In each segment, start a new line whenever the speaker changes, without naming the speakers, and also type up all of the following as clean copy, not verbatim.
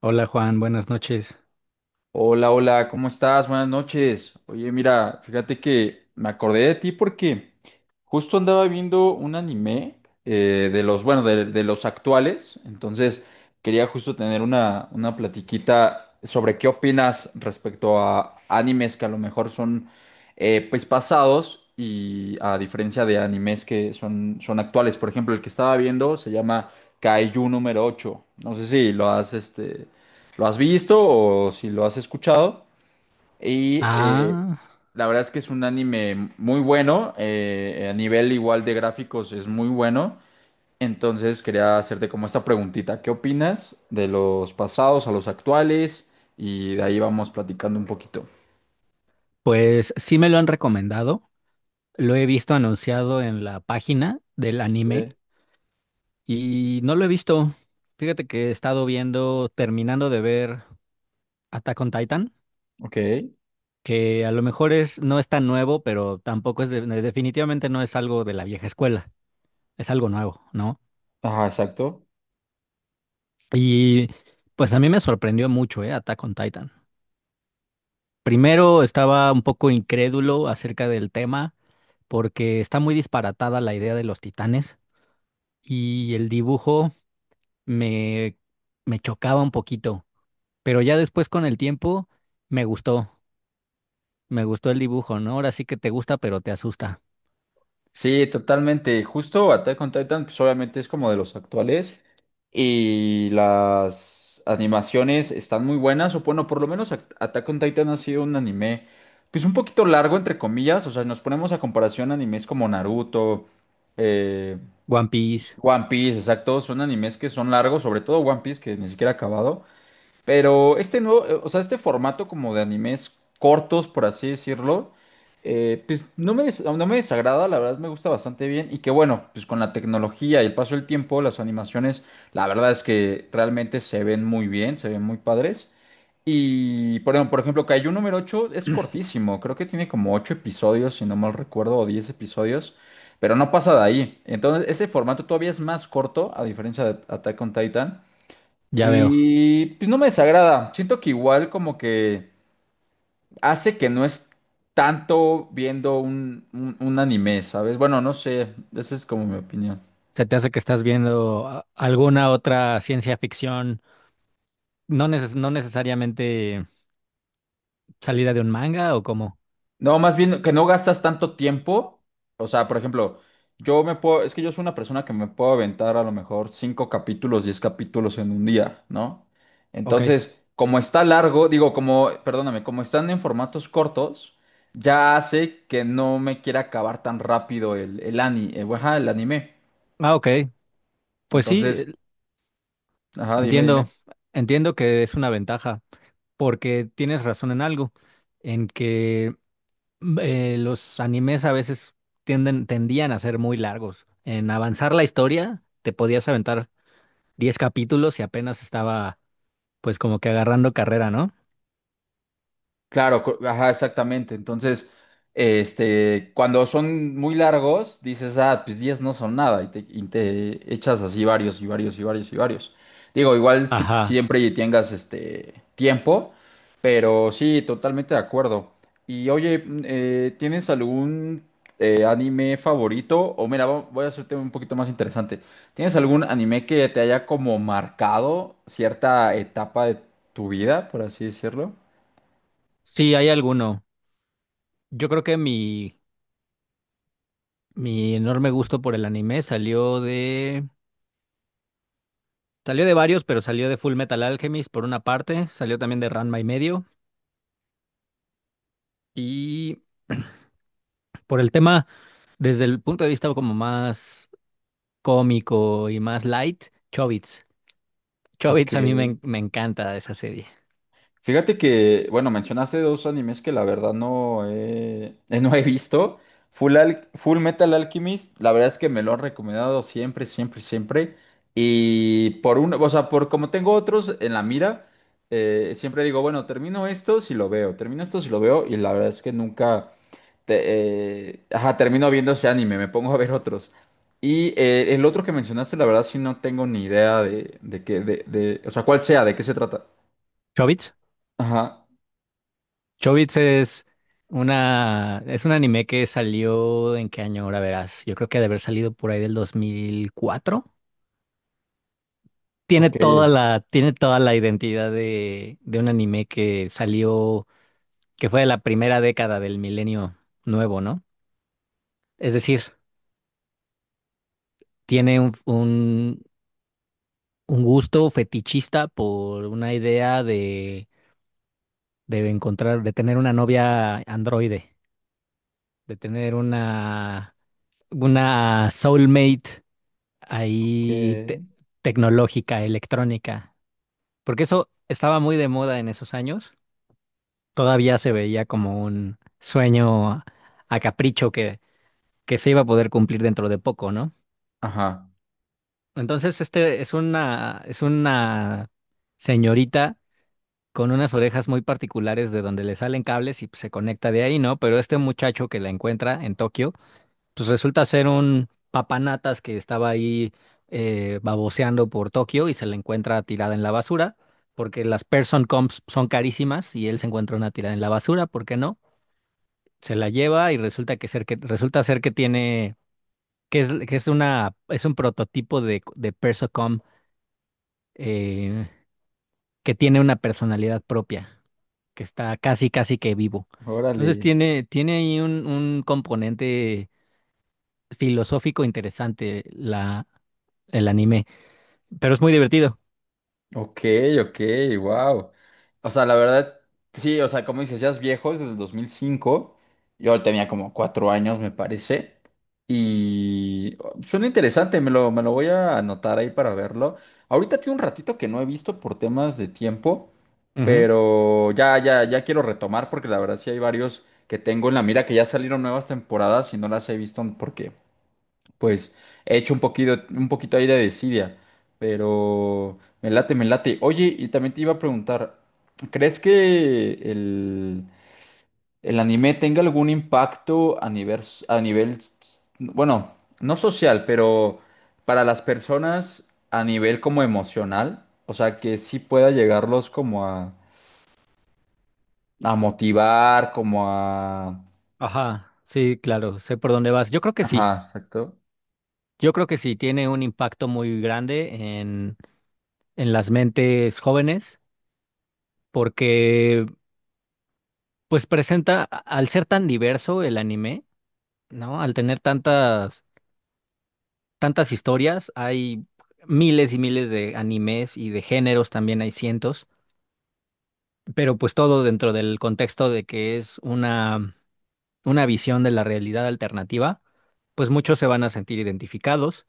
Hola Juan, buenas noches.
Hola, hola, ¿cómo estás? Buenas noches. Oye, mira, fíjate que me acordé de ti porque justo andaba viendo un anime de los, bueno, de los actuales. Entonces, quería justo tener una platiquita sobre qué opinas respecto a animes que a lo mejor son pues pasados y a diferencia de animes que son actuales. Por ejemplo, el que estaba viendo se llama Kaiju número ocho. No sé si lo has, lo has visto o si lo has escuchado. Y eh,
Ah,
la verdad es que es un anime muy bueno, a nivel igual de gráficos es muy bueno. Entonces quería hacerte como esta preguntita, ¿qué opinas de los pasados a los actuales? Y de ahí vamos platicando un poquito.
pues sí me lo han recomendado. Lo he visto anunciado en la página del anime
Sí.
y no lo he visto. Fíjate que he estado viendo, terminando de ver Attack on Titan,
Ok,
que a lo mejor es, no es tan nuevo, pero tampoco es, definitivamente no es algo de la vieja escuela, es algo nuevo, ¿no?
ajá, exacto.
Y pues a mí me sorprendió mucho, Attack on Titan. Primero estaba un poco incrédulo acerca del tema porque está muy disparatada la idea de los titanes y el dibujo me, me chocaba un poquito, pero ya después con el tiempo me gustó, me gustó el dibujo, ¿no? Ahora sí que te gusta, pero te asusta.
Sí, totalmente. Justo Attack on Titan, pues obviamente es como de los actuales y las animaciones están muy buenas, o bueno, por lo menos Attack on Titan ha sido un anime, pues un poquito largo, entre comillas, o sea, nos ponemos a comparación a animes como Naruto, eh,
One Piece,
One Piece, exacto, son animes que son largos, sobre todo One Piece, que ni siquiera ha acabado, pero este nuevo, o sea, este formato como de animes cortos, por así decirlo, pues no me desagrada, la verdad me gusta bastante bien. Y que bueno, pues con la tecnología y el paso del tiempo, las animaciones, la verdad es que realmente se ven muy bien, se ven muy padres. Por ejemplo, Kaiju número ocho es cortísimo, creo que tiene como 8 episodios, si no mal recuerdo, o 10 episodios, pero no pasa de ahí. Entonces, ese formato todavía es más corto, a diferencia de Attack on Titan.
ya veo.
Y pues no me desagrada. Siento que igual como que hace que no es tanto viendo un anime, ¿sabes? Bueno, no sé. Esa es como mi opinión.
Se te hace que estás viendo alguna otra ciencia ficción, no necesariamente salida de un manga o cómo.
No, más bien que no gastas tanto tiempo. O sea, por ejemplo, es que yo soy una persona que me puedo aventar a lo mejor cinco capítulos, diez capítulos en un día, ¿no?
Ok.
Entonces, como está largo, digo, como, perdóname, como están en formatos cortos, ya hace que no me quiera acabar tan rápido ajá, el anime.
Ah, ok. Pues sí,
Entonces, ajá, dime,
entiendo,
dime.
entiendo que es una ventaja, porque tienes razón en algo, en que los animes a veces tendían a ser muy largos. En avanzar la historia, te podías aventar 10 capítulos y apenas estaba pues como que agarrando carrera, ¿no?
Claro, ajá, exactamente. Entonces, este, cuando son muy largos, dices, ah, pues 10 no son nada, y te echas así varios y varios y varios y varios. Digo, igual si-
Ajá.
siempre tengas este tiempo, pero sí, totalmente de acuerdo. Y oye, ¿tienes algún anime favorito? O mira, voy a hacerte un poquito más interesante. ¿Tienes algún anime que te haya como marcado cierta etapa de tu vida, por así decirlo?
Sí, hay alguno. Yo creo que mi enorme gusto por el anime salió de... Salió de varios, pero salió de Full Metal Alchemist por una parte, salió también de Ranma y medio, y por el tema, desde el punto de vista como más cómico y más light, Chobits.
Ok.
Chobits a mí me encanta esa serie.
Fíjate que, bueno, mencionaste dos animes que la verdad no he, no he visto. Full Metal Alchemist, la verdad es que me lo han recomendado siempre, siempre, siempre. Y por uno, o sea, por como tengo otros en la mira, siempre digo, bueno, termino esto si lo veo, termino esto si lo veo, y la verdad es que nunca te- ajá, termino viendo ese anime, me pongo a ver otros. El otro que mencionaste, la verdad sí no tengo ni idea de, de, o sea, cuál sea, de qué se trata.
¿Chobits?
Ajá.
Chobits es es un anime que salió en qué año, ahora verás. Yo creo que ha de haber salido por ahí del 2004. Tiene
Ok,
toda tiene toda la identidad de un anime que salió, que fue de la primera década del milenio nuevo, ¿no? Es decir, tiene un gusto fetichista por una idea de encontrar, de tener una novia androide, de tener una soulmate ahí
ok.
tecnológica, electrónica, porque eso estaba muy de moda en esos años, todavía se veía como un sueño a capricho que se iba a poder cumplir dentro de poco, ¿no?
Ajá,
Entonces, este es es una señorita con unas orejas muy particulares de donde le salen cables y pues, se conecta de ahí, ¿no? Pero este muchacho que la encuentra en Tokio, pues resulta ser un papanatas que estaba ahí baboseando por Tokio y se la encuentra tirada en la basura, porque las person comps son carísimas y él se encuentra una tirada en la basura, ¿por qué no? Se la lleva y resulta ser que tiene que es una es un prototipo de persocom eh, que tiene una personalidad propia, que está casi casi que vivo. Entonces
órale.
tiene ahí un componente filosófico interesante la el anime. Pero es muy divertido.
Ok, ok, wow. O sea, la verdad, sí, o sea, como dices, ya es viejo, es del 2005. Yo tenía como 4 años, me parece. Y oh, suena interesante, me lo voy a anotar ahí para verlo. Ahorita tiene un ratito que no he visto por temas de tiempo,
Ujú.
pero ya, ya, ya quiero retomar porque la verdad sí hay varios que tengo en la mira que ya salieron nuevas temporadas y no las he visto porque pues he hecho un poquito ahí de desidia, pero me late, me late. Oye, y también te iba a preguntar, ¿crees que el anime tenga algún impacto a nivel, bueno, no social, pero para las personas a nivel como emocional? O sea, que sí pueda llegarlos como a motivar, como a...
Ajá, sí, claro, sé por dónde vas. Yo creo que sí,
Ajá, exacto.
yo creo que sí, tiene un impacto muy grande en las mentes jóvenes, porque pues presenta, al ser tan diverso el anime, ¿no? Al tener tantas, tantas historias, hay miles y miles de animes y de géneros también hay cientos, pero pues todo dentro del contexto de que es una visión de la realidad alternativa, pues muchos se van a sentir identificados,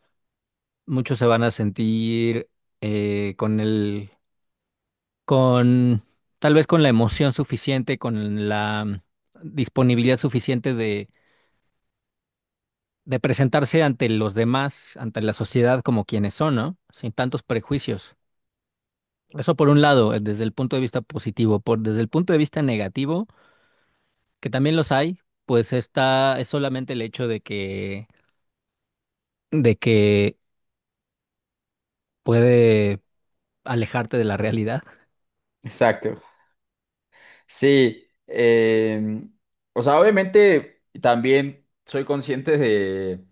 muchos se van a sentir con con, tal vez con la emoción suficiente, con la disponibilidad suficiente de presentarse ante los demás, ante la sociedad como quienes son, ¿no? Sin tantos prejuicios. Eso por un lado, desde el punto de vista positivo, por, desde el punto de vista negativo, que también los hay, pues está, es solamente el hecho de que puede alejarte de la realidad.
Exacto, sí, o sea, obviamente también soy consciente de,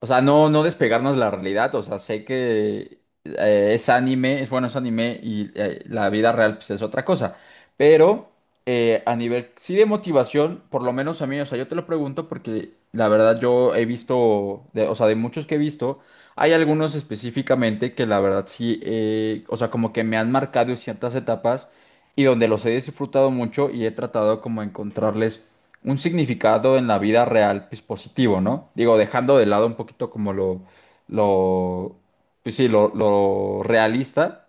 o sea, no, no despegarnos de la realidad. O sea, sé que es anime, es bueno, es anime y la vida real pues, es otra cosa. Pero a nivel, sí de motivación, por lo menos a mí, o sea, yo te lo pregunto porque la verdad yo he visto, o sea, de muchos que he visto, hay algunos específicamente que la verdad sí, o sea, como que me han marcado en ciertas etapas y donde los he disfrutado mucho y he tratado como encontrarles un significado en la vida real, pues positivo, ¿no? Digo, dejando de lado un poquito como lo, pues sí, lo realista,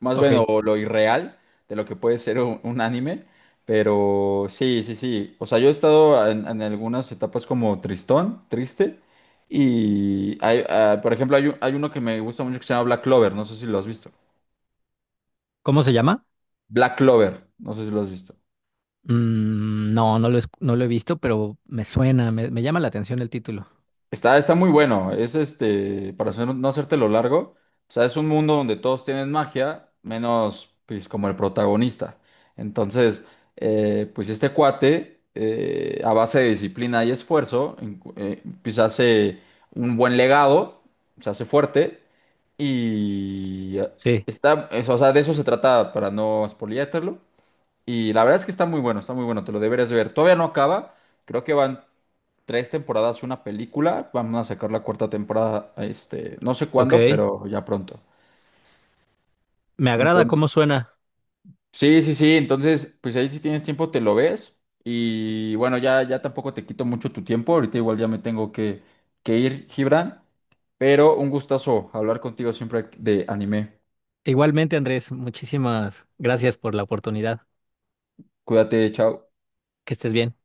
más bien
Ok.
o lo irreal de lo que puede ser un anime, pero sí, sí, sí. O sea, yo he estado en algunas etapas como tristón, triste, y hay, ah, por ejemplo, hay uno que me gusta mucho que se llama Black Clover, no sé si lo has visto.
¿Cómo se llama?
Black Clover, no sé si lo has visto.
No, no lo he visto, pero me suena, me llama la atención el título.
Está, está muy bueno. Es este, no hacértelo largo, o sea, es un mundo donde todos tienen magia, menos pues como el protagonista. Entonces, pues este cuate, a base de disciplina y esfuerzo, pues hace un buen legado, se hace fuerte y
Sí,
está, o sea, de eso se trata para no spoileártelo. Y la verdad es que está muy bueno, te lo deberías de ver. Todavía no acaba, creo que van 3 temporadas, una película. Vamos a sacar la cuarta temporada, este, no sé
ok.
cuándo, pero ya pronto.
Me agrada
Entonces,
cómo suena.
sí, sí, sí. Entonces, pues ahí si tienes tiempo te lo ves. Y bueno, ya, ya tampoco te quito mucho tu tiempo. Ahorita igual ya me tengo que ir, Gibran. Pero un gustazo hablar contigo siempre de anime.
Igualmente, Andrés, muchísimas gracias por la oportunidad.
Cuídate, chao.
Que estés bien.